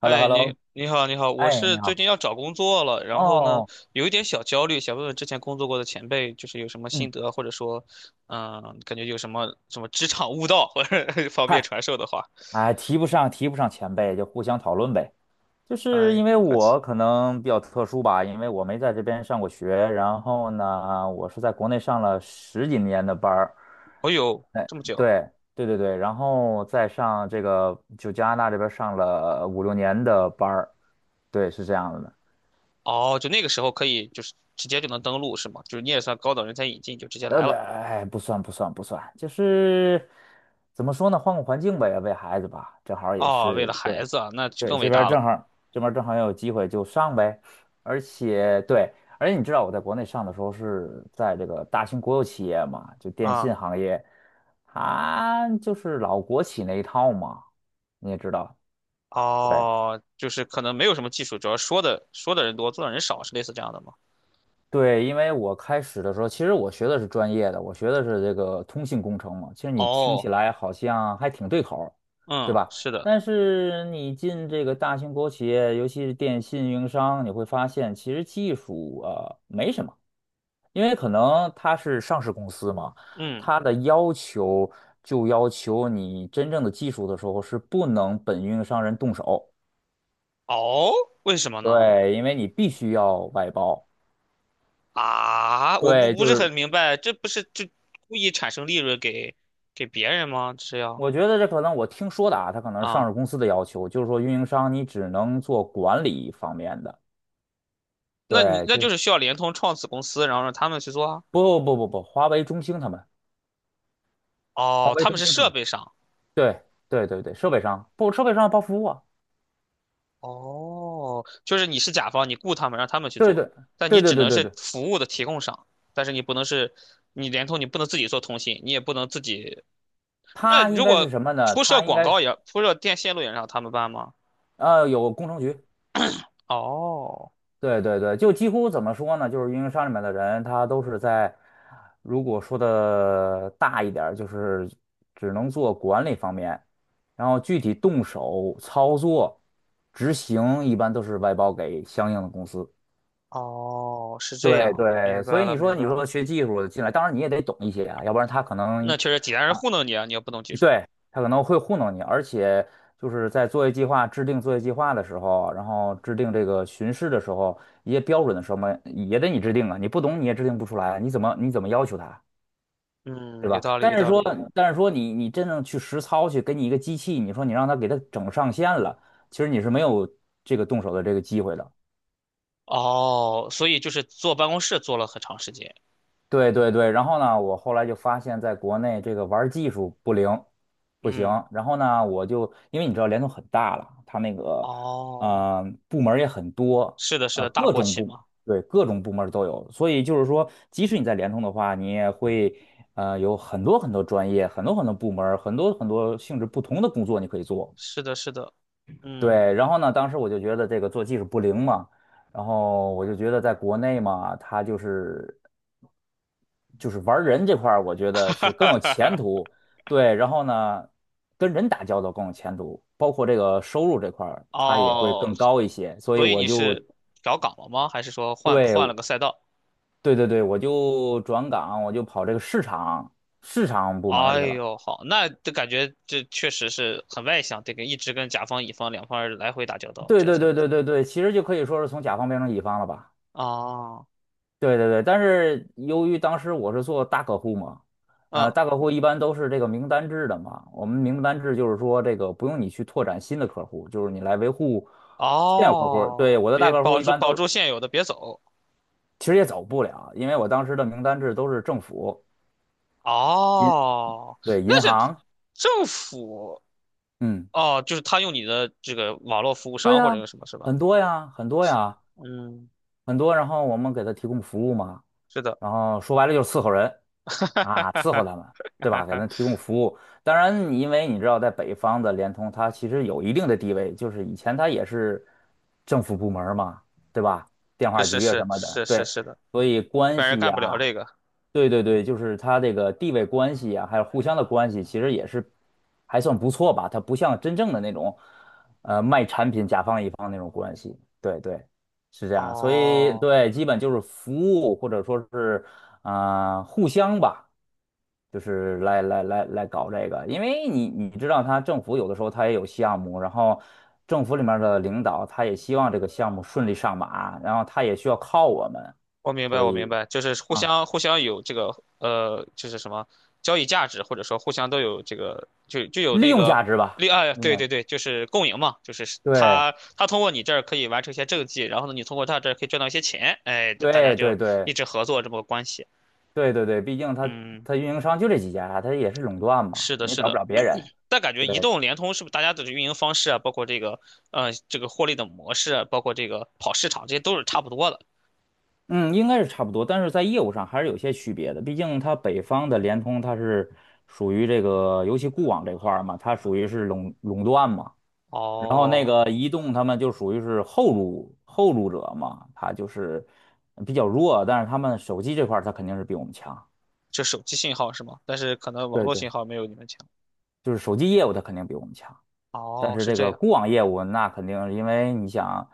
h e l l o h 哎，e l l 你 o 你好，你好，我哎，是你最好。近要找工作了，然后呢，哦，有一点小焦虑，想问问之前工作过的前辈，就是有什么心嗯，得，或者说，嗯，感觉有什么职场悟道，或者 方便嗨，传授的话。哎，提不上前辈，就互相讨论呗。就是哎，因为客气。我可能比较特殊吧，因为我没在这边上过学，然后呢，我是在国内上了十几年的班儿。哦呦，哎，这么久？对，对对对，然后再上这个就加拿大这边上了五六年的班儿。对，是这样子的。哦，就那个时候可以，就是直接就能登录是吗？就是你也算高等人才引进，就直接呃，来不，了。哎，不算，不算，不算，就是怎么说呢，换个环境呗，为孩子吧，正好也哦，为是了对。孩子啊，那就对，更伟大了这边儿正好也有机会就上呗。而且对，而且你知道我在国内上的时候是在这个大型国有企业嘛，就电啊。信行业，它就是老国企那一套嘛，你也知道。对哦，就是可能没有什么技术，主要说的人多，做的人少，是类似这样的吗？对，因为我开始的时候，其实我学的是专业的，我学的是这个通信工程嘛。其实你听起哦，来好像还挺对口儿对嗯，吧？是的。但是你进这个大型国有企业，尤其是电信运营商，你会发现其实技术啊、没什么。因为可能它是上市公司嘛，嗯，它的要求就要求你真正的技术的时候是不能本运营商人动手，哦，为什么呢？对，因为你必须要外包，啊，我对，不不就是是很明白，这不是就故意产生利润给别人吗？这是要我觉得这可能我听说的啊，它可能是上啊，市公司的要求，就是说运营商你只能做管理方面的，那你对，那就就是需要联通创子公司，然后让他们去做啊。不不不不，华为、中兴他们，华哦，为、他们中是兴他设们，备商。对对对对，设备商不，设备商包服务啊，哦，就是你是甲方，你雇他们让他们去对做，对但对你对只对能对是对。服务的提供商，但是你不能是你联通，你不能自己做通信，你也不能自己。那它应如该是果什么呢？铺设它应广该是告也铺设电线路也让他们办吗？有工程局，哦。对对对，就几乎怎么说呢？就是运营商里面的人，他都是在，如果说的大一点儿就是只能做管理方面，然后具体动手操作、执行，一般都是外包给相应的公司。哦，是这对样，明对，所白以了，你明说白你了。说学技术的进来，当然你也得懂一些啊，要不然他可那能确实，济南人糊弄你啊，你要不懂技术。对，他可能会糊弄你，而且就是在作业计划制定作业计划的时候，然后制定这个巡视的时候，一些标准的什么也得你制定啊，你不懂你也制定不出来，你怎么要求他，嗯，对有吧？道理，有但是道说，理。但是说你真正去实操去给你一个机器，你说你让他给他整上线了，其实你是没有这个动手的这个机会的。哦，所以就是坐办公室坐了很长时间。对对对，然后呢，我后来就发现，在国内这个玩儿技术不灵，不行。嗯，然后呢，我就因为你知道联通很大了，它那个哦，部门儿也很多，是的，是呃的，大各国种企部嘛。对各种部门儿都有，所以就是说，即使你在联通的话，你也会有很多很多专业，很多很多部门儿很多很多性质不同的工作你可以做。是的，是的。嗯，对，然后呢，当时我就觉得这个做技术不灵嘛，然后我就觉得在国内嘛，它就是。就是玩人这块儿，我觉 哈得哈是更有哈前哈。途。对，然后呢，跟人打交道更有前途，包括这个收入这块儿，它也会哦，更高一些。所以所以我你就是调岗了吗？还是说换了对个赛道？对对对，我就转岗，我就跑这个市场部门儿哎去了。呦，好，那这感觉这确实是很外向，得跟一直跟甲方乙方两方来回打交道，对这样对才对能。对对对，其实就可以说是从甲方变成乙方了吧。哦，对对对，但是由于当时我是做大客户嘛，嗯大客户一般都是这个名单制的嘛。我们名单制就是说，这个不用你去拓展新的客户，就是你来维护现有客户。对，哦，我的别大客户一般保都住现有的，别走。其实也走不了，因为我当时的名单制都是政府、银，哦，对，那银是行，政府嗯，哦，就是他用你的这个网络服务对商或者呀，用什么是吧？很多呀，很多呀。嗯，很多，然后我们给他提供服务嘛，是的，然后说白了就是伺候人啊，伺候他们，对吧？给他提 供服务。当然，因为你知道，在北方的联通，它其实有一定的地位，就是以前它也是政府部门儿嘛，对吧？电话局啊什么的，对，是的，所以一关般人系干呀、不了这个。对对对，就是它这个地位关系呀，还有互相的关系，其实也是还算不错吧。它不像真正的那种，呃，对对，是这样，所以哦。对，基本就是服务或者说是啊、互相吧，就是来搞这个，因为你知道，他政府有的时候他也有项目，然后政府里面的领导他也希望这个项目顺利上马，然后他也需要靠我们，我明白，所我明以白，就是啊，互相有这个呃，就是什么交易价值，或者说互相都有这个，就有利那用个价值吧，利啊，对嗯，对对，就是共赢嘛，就是对他通过你这儿可以完成一些政绩，然后呢，你通过他这儿可以赚到一些钱，哎，大家对对就一对直合作这么个关系。对对对，毕竟他嗯，他运营商就这几家，他也是垄断嘛，是的，你也是找不的。了别人。但感觉移对。动、联通是不是大家的运营方式啊，包括这个呃获利的模式啊，包括这个跑市场，这些都是差不多的。嗯，应该是差不多，但是在业务上还是有些区别的。毕竟它北方的联通，它是属于这个，尤其固网这块儿嘛，它属于是垄断嘛。然后那哦，个移动，他们就属于是后入者嘛，它就是比较弱。但是他们手机这块，儿，它肯定是比我们强，就手机信号是吗？但是可能网对络对，信号没有你们强。就是手机业务它肯定比我们强。但哦，是是这这个样固网业务，那肯定因为你想，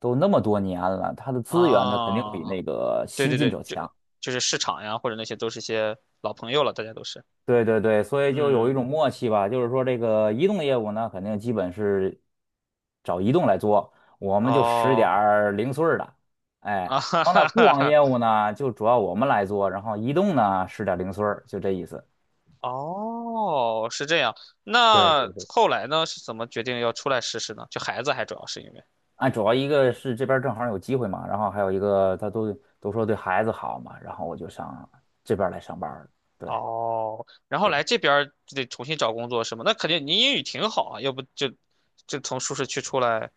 都那么多年了，它的资源它肯定比啊，那个对新对进对，者强。就是市场呀，或者那些都是些老朋友了，大家都是，对对对，所以就有一嗯，种默契吧，就是说这个移动业务呢，肯定基本是找移动来做，我们就使点哦，儿零碎儿的，哎，然啊哈后哈呢，固哈网哈，业务呢就主要我们来做，然后移动呢使点儿零碎儿，就这意思。哦，是这样。对那对对，后来呢，是怎么决定要出来试试呢？就孩子还主要是因为，啊，主要一个是这边儿正好有机会嘛，然后还有一个他都都说对孩子好嘛，然后我就上这边儿来上班儿了。对哦，然后对，来这边儿就得重新找工作是吗？那肯定您英语挺好啊，要不就就从舒适区出来，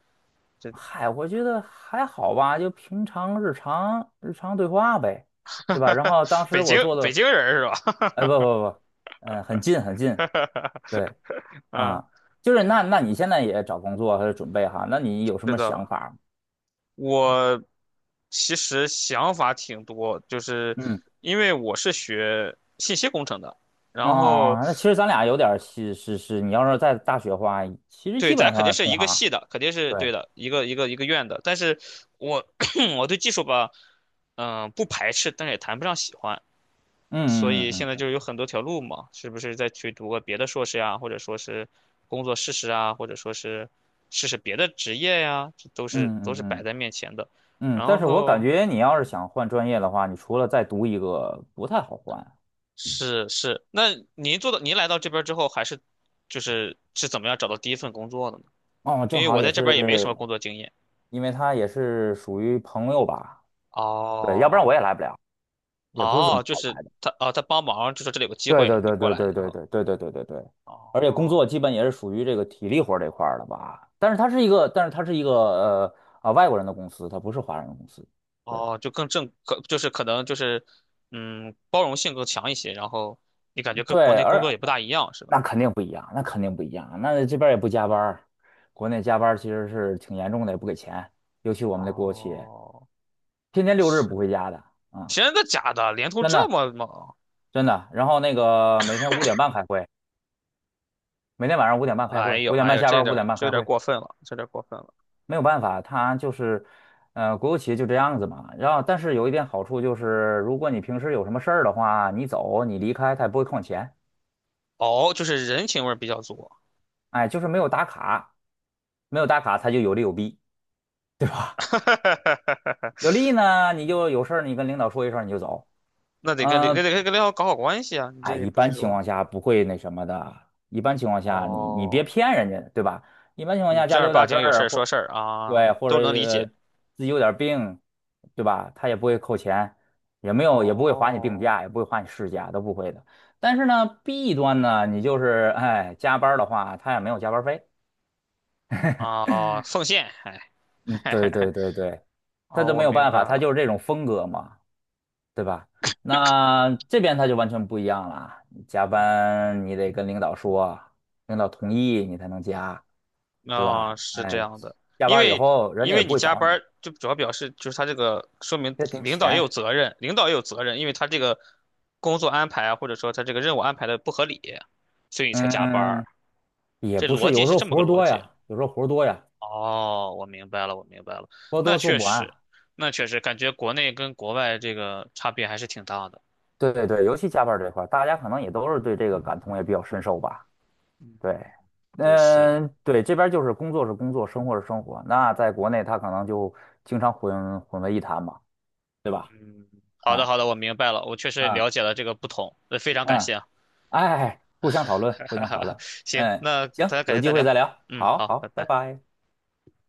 这 嗨，我觉得还好吧，就平常日常对话呗，对吧？然 后当时我做北的，京人是吧？哎，不不不，嗯、很近，对 嗯，啊，就是那你现在也找工作还是准备哈？那你有什是么的。想法吗？我其实想法挺多，就是嗯，因为我是学信息工程的，哦哦然后哦，那其实咱俩有点儿是，你要是在大学的话，其实对，基咱本肯定上是是一同个行儿。系的，肯定是对，对的，一个院的。但是我 我对技术吧，嗯、不排斥，但是也谈不上喜欢，所以嗯现嗯在嗯就是有很多条路嘛，是不是再去读个别的硕士呀，或者说是工作试试啊，或者说是试试别的职业呀，这都是嗯嗯都是嗯摆嗯在面前的。嗯，嗯但然是我感后觉你要是想换专业的话，你除了再读一个，不太好换。是是，那您您来到这边儿之后，还是是怎么样找到第一份工作的呢？哦，因正为好我也在这边儿也没什是，么工作经验。因为他也是属于朋友吧，对，要不然哦我也来不了，也不是怎哦，么就好是来。他啊，他帮忙就说这里有个机对会，对你对过对来，对对然后对对对对对对，而且工哦作基本也是属于这个体力活儿这块儿的吧，但是它是一个，但是它是一个啊外国人的公司，它不是华人的公司，对哦，就更正可就是可能就是嗯，包容性更强一些，然后你感觉跟国对，内工作而也不大一样，是吧？那肯定不一样，那肯定不一样，那这边儿也不加班儿，国内加班儿其实是挺严重的，也不给钱，尤其我们的国有企业，哦，天天六日不是回家的啊。真的假的？联通真这的，么猛？真的。然后那个每天五点半开会，每天晚上五点半开哎会，呦五点哎半呦，下班，五点半这有开点儿会，过分了，这有点儿过分了。没有办法，他就是，国有企业就这样子嘛。然后，但是有一点好处就是，如果你平时有什么事儿的话，你走你离开，他也不会扣你钱。哦，就是人情味儿比较足，哎，就是没有打卡，没有打卡，他就有利有弊。有 利呢，你就有事儿你跟领导说一声你就走。那得那嗯、得跟领导搞好关系啊！你哎，这也一不是般情说况下不会那什么的。一般情况下你，你别哦，骗人家，对吧？一般情况你下，家正里儿有八点事经有事儿，儿说或事儿啊，对，或者都能理解。自己有点病，对吧？他也不会扣钱，也没有，也不会划你病哦，假，也不会划你事假，都不会的。但是呢，弊端呢，你就是哎，加班儿的话，他也没有加班儿费。啊，奉献，哎，嗯，对 对对对，他哦，就我没有明办白法，他了，就是这种风格嘛。对吧？那这边他就完全不一样了，你加班你得跟领导说，领导同意你才能加，对吧？啊，是这哎，样的，下因班以为后人因家也为不你会加找班你，儿，就主要表示就是他这个说明这给你领导也有钱，责任，领导也有责任，因为他这个工作安排啊，或者说他这个任务安排的不合理，所以才加班儿，嗯，也这不逻是，辑有时是候这么活个儿逻多辑。呀，有时候活儿多呀，哦，我明白了，我明白了。活儿那多做确不完。实，那确实感觉国内跟国外这个差别还是挺大的。对对对，尤其加班儿这块儿大家可能也都是对这个感同也比较深受吧。嗯，对，是是，嗯，对，这边儿就是工作是工作，生活是生活。那在国内，他可能就经常混混为一谈嘛，对吧？嗯，好的啊。好的，我明白了，我确实嗯了解了这个不同，呃非常嗯，感谢啊。哎，哎哎互相讨论，互相讨 论。行，嗯，那行，咱改有天机再会聊。再聊。嗯，好好，拜好，拜拜。拜。